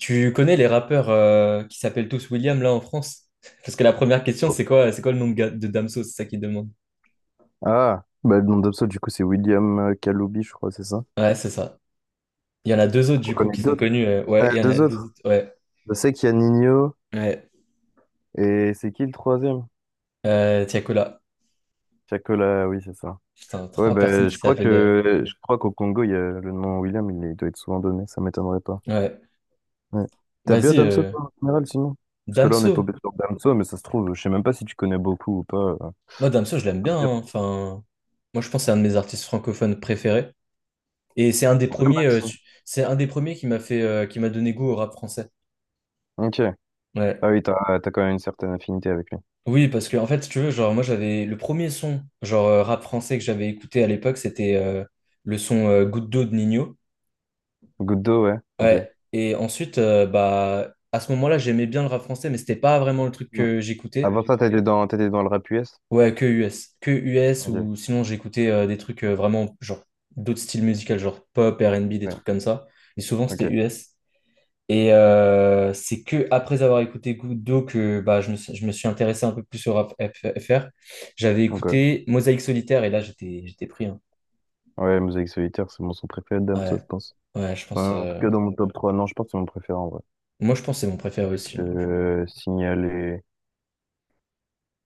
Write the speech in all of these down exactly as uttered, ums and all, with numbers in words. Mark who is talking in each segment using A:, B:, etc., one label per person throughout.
A: Tu connais les rappeurs euh, qui s'appellent tous William là en France? Parce que la première question, c'est quoi, c'est quoi le nom de, ga- de Damso? C'est ça qu'ils demandent.
B: Ah, bah, le nom d'Obso, du coup, c'est William euh, Kaloubi, je crois, c'est ça.
A: Ouais, c'est ça. Il y en a deux autres
B: On
A: du coup
B: connaît
A: qui sont
B: d'autres.
A: connus. Euh, ouais,
B: Ouais,
A: il y en a
B: deux
A: deux
B: autres.
A: autres. Ouais,
B: Je sais qu'il y a Nino
A: ouais.
B: et c'est qui le troisième?
A: Euh, Tiakola.
B: Chacola, oui, c'est ça.
A: Putain,
B: Ouais,
A: trois
B: bah,
A: personnes qui
B: je crois
A: s'appellent. euh,
B: que je crois qu'au Congo, il y a le nom William, il est- doit être souvent donné, ça m'étonnerait pas.
A: Ouais.
B: Ouais. T'as bien
A: Vas-y,
B: Damso,
A: euh,
B: toi, en général, sinon? Parce que là, on est tombé
A: Damso.
B: sur Damso, mais ça se trouve, je sais même pas si tu connais beaucoup ou pas. Euh,
A: Moi, Damso, je
B: je
A: l'aime
B: peux te
A: bien,
B: dire.
A: hein. Enfin, moi, je pense que c'est un de mes artistes francophones préférés. Et c'est un des
B: Ouais,
A: premiers,
B: bah,
A: euh,
B: si.
A: su- c'est un des premiers qui m'a fait, euh, qui m'a donné goût au rap français.
B: Ok. Ah
A: Ouais.
B: oui, t'as t'as quand même une certaine affinité avec lui.
A: Oui, parce que en fait, si tu veux, genre moi j'avais le premier son, genre euh, rap français que j'avais écouté à l'époque, c'était euh, le son euh, Goutte d'eau de Nino.
B: Goudo, ouais. Ok.
A: Ouais. Et ensuite, euh, bah à ce moment-là, j'aimais bien le rap français, mais c'était pas vraiment le truc
B: Mm.
A: que j'écoutais.
B: Avant ça, t'étais dans, t'étais dans le rap U S?
A: Ouais, que U S, que U S
B: Ok.
A: ou sinon j'écoutais euh, des trucs euh, vraiment genre d'autres styles musicaux, genre pop, R N B, des
B: Ouais,
A: trucs comme ça. Et souvent
B: ok,
A: c'était U S. Et euh, c'est que après avoir écouté Goutte d'eau que bah, je me, suis- je me suis intéressé un peu plus au rap F- FR. J'avais
B: ok.
A: écouté Mosaïque Solitaire et là j'étais j'étais pris, hein.
B: Ouais, Mosaïque Solitaire, c'est mon son préféré de Damso,
A: Ouais,
B: je pense.
A: ouais, je pense.
B: Enfin, en tout
A: euh,
B: cas, dans mon top trois non, je pense que c'est mon préféré en vrai.
A: Moi je pense que c'est mon préféré aussi,
B: Avec
A: hein.
B: euh, Signal. Et.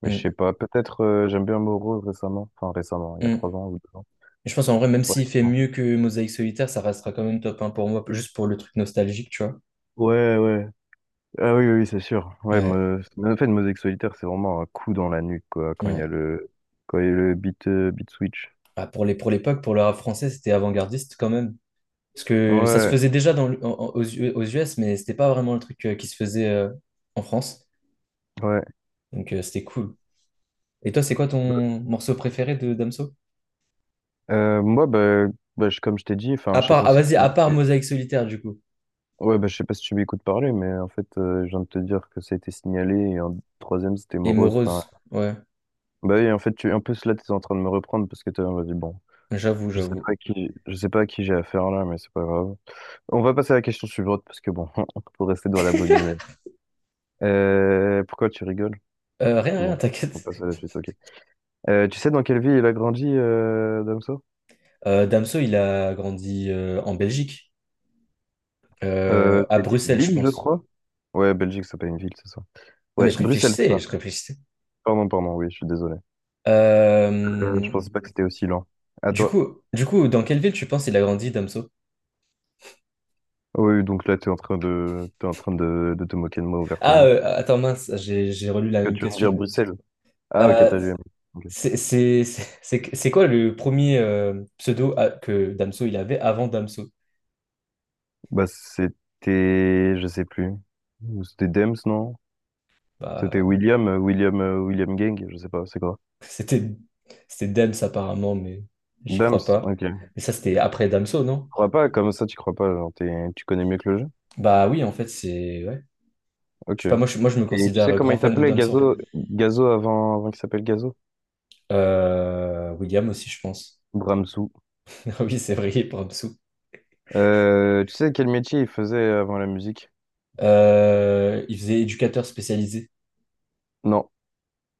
B: Mais je sais
A: Mm,
B: pas, peut-être euh, j'aime bien Moro récemment. Enfin, récemment, il y a trois
A: mm.
B: ans ou deux ans.
A: Je pense en vrai, même
B: Ouais,
A: s'il fait
B: trois ans,
A: mieux que Mosaïque Solitaire, ça restera quand même top un pour moi, juste pour le truc nostalgique, tu vois.
B: ouais, ouais. Ah oui, oui, oui, c'est sûr. Ouais,
A: Ouais,
B: me... mais en fait, Mosaïque Solitaire, c'est vraiment un coup dans la nuque, quoi, quand il y a
A: ouais.
B: le, quand il y a le beat, euh, beat switch.
A: Ah, pour les, pour l'époque, pour le rap français, c'était avant-gardiste quand même. Parce que ça se
B: Ouais,
A: faisait déjà dans, le- en- en- aux, U- aux U S, mais c'était pas vraiment le truc euh, qui se faisait euh, en France.
B: ouais.
A: Donc euh, c'était cool. Et toi, c'est quoi ton morceau préféré de Damso?
B: Euh, moi, bah, bah, je- comme je t'ai dit, enfin,
A: À
B: je sais
A: part,
B: pas
A: ah
B: si t'as.
A: vas-y, à part Mosaïque solitaire du coup.
B: Ouais, bah, je sais pas si tu m'écoutes parler, mais en fait, euh, je viens de te dire que ça a été signalé et un troisième, c'était
A: Et
B: morose. Enfin,
A: Morose, ouais,
B: bah oui, en fait, tu, en plus, là, tu es en train de me reprendre parce que tu m'as dit, bon,
A: j'avoue,
B: je sais
A: j'avoue.
B: pas à qui, je sais pas à qui j'ai affaire là, mais c'est pas grave. On va passer à la question suivante parce que bon, faut rester dans la bonne humeur. Euh, pourquoi tu rigoles?
A: Euh, rien, rien,
B: Bon, on
A: t'inquiète.
B: passe à la suite, ok. Euh, tu sais dans quelle ville il a grandi, euh, Damso?
A: Euh, Damso, il a grandi euh, en Belgique,
B: Euh,
A: Euh, à
B: j'ai dit
A: Bruxelles, je
B: ville, je
A: pense.
B: crois. Ouais, Belgique, c'est pas une ville, c'est ça.
A: Non mais
B: Ouais,
A: je
B: Bruxelles, c'est
A: réfléchissais,
B: ça.
A: je réfléchissais.
B: Pardon, pardon, oui, je suis désolé. Euh, Je
A: Euh,
B: pensais pas que c'était aussi lent. À
A: du
B: toi.
A: coup, du coup, dans quelle ville tu penses il a grandi, Damso?
B: Oui, donc là, tu es en train de, t'es en train de, de te moquer de moi
A: Ah,
B: ouvertement.
A: euh, attends, mince, j'ai j'ai relu la
B: Que
A: même
B: tu veux me dire
A: question.
B: Bruxelles? Ah, ok, t'as
A: Euh,
B: lu. Ok.
A: c'est c'est- c'est- c'est- c'est quoi le premier euh, pseudo à- que Damso il avait avant Damso?
B: Bah, c'était, je sais plus. C'était Dems, non? C'était
A: Bah,
B: William, euh, William, euh, William Gang, je sais pas, c'est quoi?
A: c'était c'était Dems apparemment, mais j'y crois
B: Dems,
A: pas.
B: ok. Tu
A: Mais ça, c'était après Damso, non?
B: crois pas, comme ça, tu crois pas, genre, t'es- tu connais mieux que le jeu?
A: Bah oui, en fait, c'est... Ouais. Je
B: Ok.
A: sais pas, moi je, moi, je me
B: Et tu sais
A: considère
B: comment
A: grand
B: il
A: fan de
B: s'appelait,
A: Damso, en fait.
B: Gazo, Gazo avant, avant qu'il s'appelle Gazo?
A: Euh, William aussi, je pense.
B: Bramsou.
A: Ah oui, c'est vrai, il est pour Damso.
B: Euh, tu sais quel métier il faisait avant la musique?
A: Euh, il faisait éducateur spécialisé.
B: Non.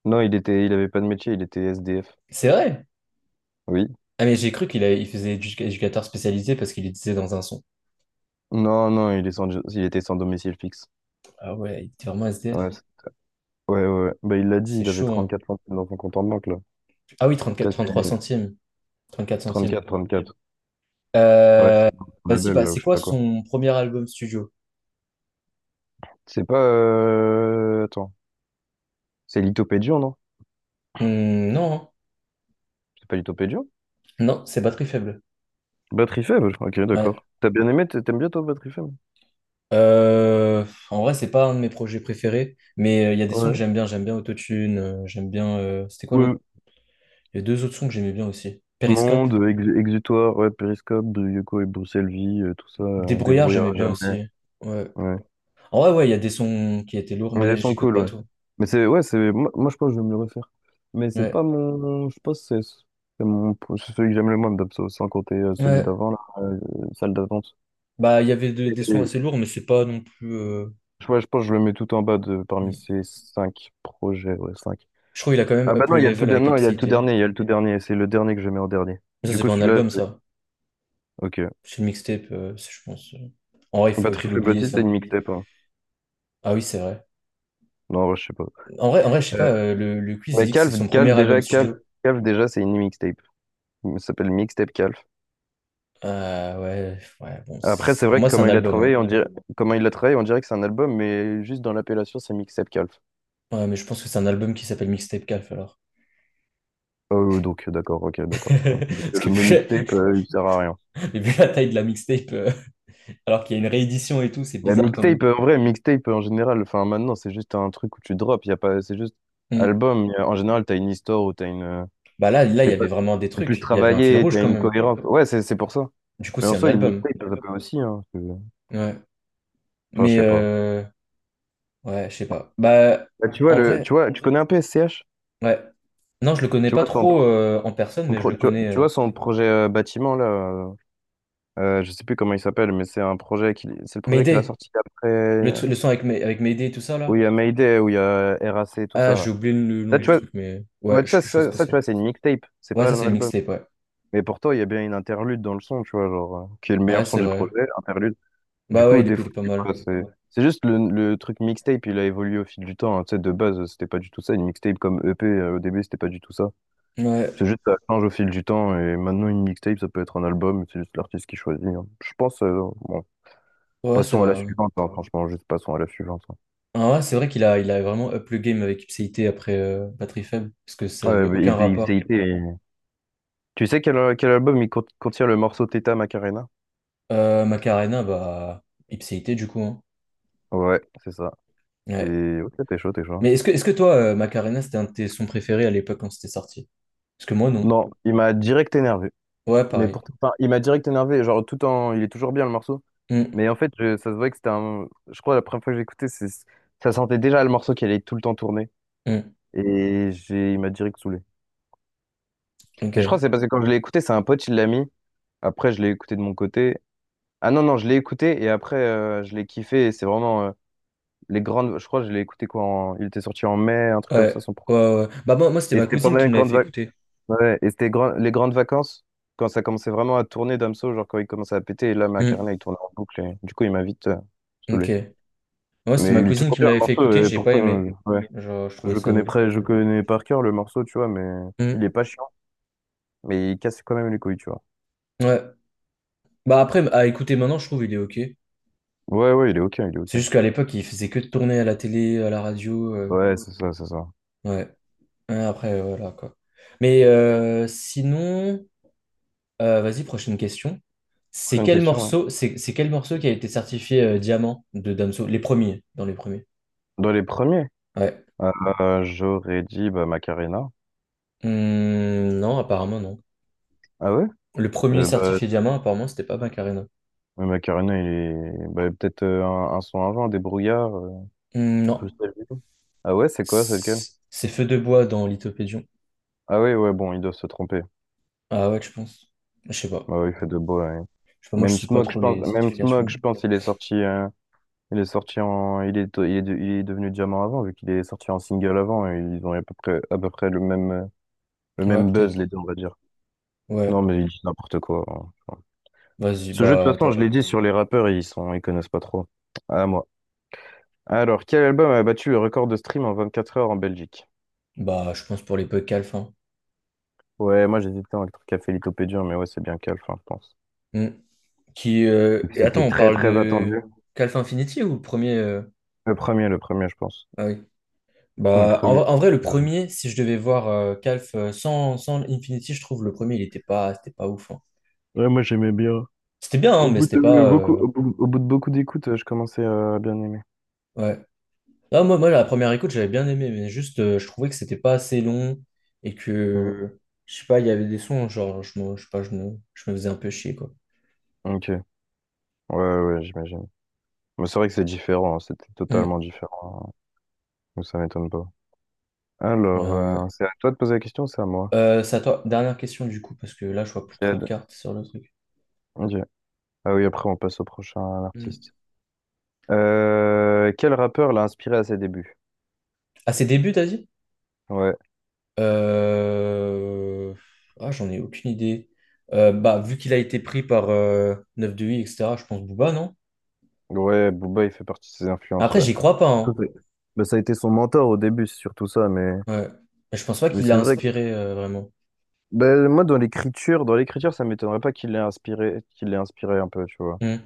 B: Non, il était, il avait pas de métier, il était S D F.
A: C'est vrai!
B: Oui.
A: Ah mais j'ai cru qu'il a- il faisait éduc- éducateur spécialisé parce qu'il le disait dans un son.
B: Non, non, il est sans, il était sans domicile fixe.
A: Ah ouais, il était vraiment
B: Ouais,
A: S D F.
B: c'est- ouais, ouais, ouais. Bah, il l'a dit,
A: C'est
B: il avait
A: chaud,
B: trente
A: hein.
B: quatre centimes dans son compte en banque, là.
A: Ah oui, trente-quatre,
B: Peut-être
A: trente-trois
B: euh,
A: centimes. trente-quatre
B: trente
A: centimes.
B: quatre Ouais,
A: Euh,
B: c'est son
A: Vas-y,
B: label,
A: bah,
B: là, ou
A: c'est
B: je sais
A: quoi
B: pas quoi.
A: son premier album studio?
B: C'est pas... euh, Attends. C'est Litopédion, non?
A: Hmm, non, hein.
B: C'est pas Litopédion?
A: Non, c'est Batterie faible.
B: Batterie faible, ok,
A: Ouais.
B: d'accord. T'as bien aimé, t'a- t'aimes bien, toi, Batterie faible?
A: Euh, En vrai, c'est pas un de mes projets préférés, mais euh, il y a des sons que
B: Ouais.
A: j'aime bien. J'aime bien Autotune, euh, j'aime bien. Euh, c'était quoi l'autre?
B: Ouais.
A: Il y a deux autres sons que j'aimais bien aussi. Périscope,
B: Monde, ex- Exutoire, ouais, Périscope, Yoko et Bruxelles Vie, euh, tout ça, euh,
A: Débrouillard,
B: débrouillard
A: j'aimais
B: à
A: bien
B: jamais.
A: aussi. Ouais.
B: Ouais.
A: En vrai, ouais, il y a des sons qui étaient lourds,
B: Mais
A: mais
B: les sons
A: j'écoute
B: cool,
A: pas
B: ouais.
A: tout.
B: Mais c'est, ouais, c'est, moi, moi, je pense que je vais me le refaire. Mais c'est
A: Ouais.
B: pas mon, je pense que c'est c'est mon, c'est celui que j'aime le moins, Dabso, sans compter euh, celui
A: Ouais.
B: d'avant, là, euh, salle d'attente.
A: Bah, il y avait de- des sons assez
B: Et,
A: lourds, mais c'est pas non plus. euh,
B: je ouais, je pense que je le mets tout en bas de, parmi
A: Hmm.
B: ces cinq projets, ouais, cinq.
A: Je trouve qu'il a quand même
B: Ah bah
A: up
B: non,
A: le
B: il y a le tout
A: level
B: dernier,
A: avec
B: non, il y a le tout
A: Ipséité.
B: dernier, il y a le tout dernier, c'est le dernier que je mets en dernier.
A: Mais ça,
B: Du
A: c'est
B: coup,
A: pas un
B: celui-là,
A: album,
B: je l'ai.
A: ça.
B: Ok.
A: C'est une mixtape, euh, c'est- je pense. euh. En vrai, il faut, il
B: Batterie
A: faut
B: faible
A: l'oublier,
B: aussi, c'est
A: ça.
B: une mixtape, hein.
A: Ah oui, c'est vrai.
B: Non, ouais, je sais pas.
A: En vrai, en vrai, je sais
B: Euh,
A: pas, euh, le, le quiz, il
B: mais
A: dit que c'est
B: Calve,
A: son premier
B: Calve,
A: album
B: déjà, Calve,
A: studio.
B: Calve, déjà, c'est une mixtape. Ça s'appelle Mixtape Calve.
A: Euh, ouais, ouais, bon,
B: Après, c'est
A: c'est- pour
B: vrai que
A: moi, c'est
B: comment
A: un
B: il a
A: album, hein.
B: travaillé, on dirait, comment il l'a travaillé, on dirait que c'est un album, mais juste dans l'appellation, c'est mixtape calf.
A: Ouais, mais je pense que c'est un album qui s'appelle Mixtape Calf, alors.
B: Euh, donc, d'accord, ok, d'accord. Donc,
A: Parce
B: euh,
A: que
B: le mot
A: vu
B: mixtape, euh, il sert à rien.
A: la, vu la taille de la mixtape, euh, alors qu'il y a une réédition et tout, c'est
B: La
A: bizarre quand même.
B: mixtape, euh, en vrai, mixtape euh, en général, enfin maintenant, c'est juste un truc où tu drops, y a pas, c'est juste
A: Mm.
B: album. Y a- en général, t'as une histoire ou t'as une, euh,
A: Bah là, là, il
B: je
A: y
B: sais pas,
A: avait vraiment des
B: c'est plus
A: trucs. Il y avait un fil
B: travaillé,
A: rouge
B: t'as
A: quand
B: une
A: même.
B: cohérence. Ouais, c'est c'est pour ça.
A: Du coup,
B: Mais en
A: c'est un
B: soi, une
A: album.
B: mixtape, ça peut aussi, hein, c'est-
A: Ouais.
B: Enfin, je
A: Mais,
B: sais pas.
A: euh, ouais, je sais pas. Bah,
B: Bah, tu vois,
A: en
B: le,
A: vrai,
B: tu vois, tu connais un peu S C h.
A: ouais. Non, je le connais
B: Tu
A: pas
B: vois son,
A: trop euh, en personne,
B: son
A: mais je
B: pro-
A: le
B: tu vois,
A: connais.
B: tu
A: euh,
B: vois son projet euh, bâtiment, là, euh, euh, je sais plus comment il s'appelle, mais c'est un projet qu'il, c'est le projet qu'il a
A: Mayday,
B: sorti
A: le,
B: après,
A: tru- le son avec, May- avec Mayday et tout ça,
B: où il
A: là.
B: y a Mayday, où il y a R A C, tout
A: Ah,
B: ça,
A: j'ai
B: là.
A: oublié le
B: Ça,
A: nom
B: tu
A: du
B: vois,
A: truc, mais
B: oui,
A: ouais,
B: ouais,
A: je,
B: ça,
A: je sais ce
B: ça,
A: que
B: ça, tu
A: c'est.
B: vois, c'est une mixtape, c'est
A: Ouais,
B: pas
A: ça c'est
B: un
A: une
B: album.
A: mixtape, ouais.
B: Mais pourtant, il y a bien une interlude dans le son, tu vois, genre, euh, qui est le
A: Ouais,
B: meilleur son
A: c'est
B: du
A: vrai.
B: projet, interlude. Du
A: Bah ouais,
B: coup,
A: il est,
B: des
A: il est
B: fois,
A: pas
B: tu
A: mal.
B: vois, c'est, c'est, juste le, le truc mixtape, il a évolué au fil du temps, hein. Tu sais, de base, c'était pas du tout ça. Une mixtape comme E P, euh, au début, c'était pas du tout ça.
A: Ouais,
B: C'est juste, ça change au fil du temps, et maintenant, une mixtape, ça peut être un album, c'est juste l'artiste qui choisit, hein. Je pense, euh, bon,
A: ouais, c'est
B: passons à la
A: vrai.
B: suivante, hein, franchement, juste passons à la suivante, hein.
A: Ah ouais, c'est vrai qu'il a, il a vraiment up le game avec Ipséité après euh, Pas très Faible, parce que ça
B: Ouais,
A: avait
B: mais
A: aucun
B: il- il- il-
A: rapport.
B: il- c'est- tu sais quel, quel album il cont- contient le morceau Teta Macarena?
A: Euh, Macarena, bah, Ipséité du coup, hein.
B: Ouais, c'est ça.
A: Ouais.
B: T'es ok, t'es chaud, t'es chaud.
A: Mais est-ce que, est-ce que toi, euh, Macarena, c'était un de tes sons préférés à l'époque quand c'était sorti? Parce que moi, non.
B: Non, il m'a direct énervé.
A: Ouais,
B: Mais
A: pareil.
B: pour... enfin, il m'a direct énervé, genre tout en... Il est toujours bien le morceau.
A: Hmm,
B: Mais en fait, je- ça se voit que c'était un... Je crois la première fois que j'ai écouté, c'est... Ça sentait déjà le morceau qui allait tout le temps tourner.
A: hmm,
B: Et j'ai... il m'a direct saoulé.
A: ok.
B: Mais je crois que
A: Ouais,
B: c'est parce que quand je l'ai écouté, c'est un pote, il l'a mis. Après, je l'ai écouté de mon côté. Ah non, non, je l'ai écouté et après, euh, je l'ai kiffé, et c'est vraiment euh, les grandes. Je crois que je l'ai écouté quoi. en- Il était sorti en mai, un truc comme ça.
A: ouais,
B: Son... pro-
A: ouais. Bah, moi, moi c'était
B: Et, ah,
A: ma
B: c'était
A: cousine
B: pendant
A: qui
B: les
A: me l'avait
B: grandes
A: fait
B: vacances.
A: écouter.
B: Ouais, et c'était grand- les grandes vacances, quand ça commençait vraiment à tourner Damso, genre quand il commençait à péter. Et, là,
A: Hmm,
B: Macarena, il tournait en boucle. Et, du coup, il m'a vite euh,
A: ok.
B: saoulé.
A: Ouais, c'était
B: Mais
A: ma
B: il est
A: cousine
B: toujours
A: qui me
B: bien le
A: l'avait fait écouter,
B: morceau. Et
A: j'ai pas
B: pourtant,
A: aimé.
B: euh, ouais.
A: Genre, je trouvais
B: Je le
A: ça
B: connais
A: nul.
B: près... je connais par cœur le morceau, tu vois. Mais il
A: Hmm.
B: est pas chiant. Mais il casse quand même les couilles, tu vois.
A: Ouais. Bah après, à écouter maintenant, je trouve il est ok.
B: Ouais, ouais, il est ok, il est
A: C'est
B: ok.
A: juste qu'à l'époque, il faisait que de tourner à la télé, à la radio. euh,
B: Ouais, c'est ça, c'est ça.
A: Ouais. Ouais, après, euh, voilà quoi. Mais euh, sinon, euh, vas-y, prochaine question. C'est
B: Prochaine
A: quel
B: question, ouais.
A: morceau, c'est c'est quel morceau qui a été certifié euh, diamant de Damso? Les premiers, dans les premiers.
B: Dans les premiers.
A: Ouais.
B: Euh, j'aurais dit bah, Macarena.
A: Hmm, non, apparemment non.
B: Ah ouais?
A: Le premier
B: Euh, bah,
A: certifié diamant, apparemment, c'était pas Macarena.
B: mais Macarena, il est bah, peut-être euh, un, un son avant, des brouillards euh,
A: Hmm, non.
B: Bruxelles Ville. Ah ouais, c'est quoi, c'est lequel?
A: C'est Feu de bois dans Lithopédion.
B: Ah ouais, ouais, bon, ils doivent se tromper.
A: Ah ouais, je pense. Je sais pas.
B: Bah ouais, il fait de beaux, ouais.
A: Je sais pas, moi je
B: Même
A: suis pas
B: Smog, je
A: trop
B: pense,
A: les
B: même Smog,
A: certifications.
B: je pense, il est sorti, euh, il est sorti en, il est, il est, de- il est devenu diamant avant, vu qu'il est sorti en single avant, et ils ont à peu près, à peu près le même, euh, le
A: Ouais,
B: même buzz, les
A: peut-être.
B: deux, on va dire. Non,
A: Ouais.
B: mais ils disent n'importe quoi, hein.
A: Vas-y,
B: Ce jeu, de toute
A: bah
B: façon, je
A: toi.
B: l'ai dit sur les rappeurs, ils sont, ils connaissent pas trop. Ah, moi. Alors, quel album a battu le record de stream en vingt-quatre heures en Belgique?
A: Bah je pense pour les peu calfins.
B: Ouais, moi j'hésitais entre Café Lithopédium, mais ouais, c'est bien Calf, enfin, je pense.
A: Hmm. Qui
B: Et
A: euh,
B: puis,
A: Et attends,
B: c'était
A: on
B: très
A: parle
B: très
A: de
B: attendu.
A: Calf Infinity ou le premier euh,
B: Le premier, le premier, je pense.
A: Ah oui.
B: Le
A: Bah en,
B: premier.
A: vrai, en vrai, le
B: Euh,
A: premier, si je devais voir euh, Calf euh, sans, sans Infinity, je trouve le premier il était pas c'était pas ouf, hein.
B: Ouais, moi j'aimais bien.
A: C'était bien, hein,
B: Au
A: mais
B: bout
A: c'était
B: de
A: pas
B: beaucoup,
A: euh,
B: au bout, au bout de beaucoup d'écoutes, euh, je commençais euh, à bien aimer.
A: ouais. Ah, moi, moi, la première écoute, j'avais bien aimé, mais juste, euh, je trouvais que c'était pas assez long et
B: Ouais.
A: que, je sais pas, il y avait des sons, genre, je me, je sais pas, je me, je me faisais un peu chier, quoi.
B: Ok. Ouais, ouais, j'imagine. Mais c'est vrai que c'est différent, hein, c'était totalement
A: Hmm.
B: différent, hein. Donc ça m'étonne pas. Alors,
A: Euh,
B: euh, c'est à toi de poser la question, ou c'est à moi.
A: euh, c'est à toi. Dernière question, du coup, parce que là, je vois plus
B: C'est à...
A: trop de cartes sur le truc.
B: Ok. Ah oui, après on passe au prochain
A: Hmm.
B: artiste. Euh, quel rappeur l'a inspiré à ses débuts?
A: À ses débuts, t'as dit?
B: Ouais,
A: Euh, Ah, j'en ai aucune idée. Euh, bah, vu qu'il a été pris par neuf de huit, et cetera, je pense Booba, non?
B: ouais, Booba, il fait partie de ses influences,
A: Après,
B: ouais.
A: j'y crois pas,
B: Tout
A: hein.
B: est- Ben, ça a été son mentor au début, c'est surtout ça, mais,
A: Ouais. Mais je pense pas
B: mais
A: qu'il l'a
B: c'est vrai que
A: inspiré, euh, vraiment.
B: ben, moi, dans l'écriture, Dans l'écriture, ça m'étonnerait pas qu'il l'ait inspiré, qu'il l'ait inspiré un peu, tu vois.
A: Hmm.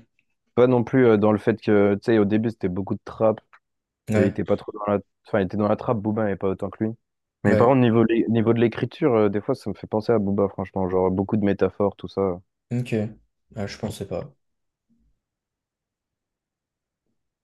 B: Pas non plus euh, dans le fait que, tu sais, au début, c'était beaucoup de trap, et il
A: Ouais.
B: était pas trop dans la... Enfin, il était dans la trappe, Booba, et pas autant que lui. Mais par
A: Ouais.
B: contre, niveau, lé- niveau de l'écriture, euh, des fois, ça me fait penser à Booba, franchement, genre beaucoup de métaphores, tout ça.
A: Ok. Ah, je pensais pas.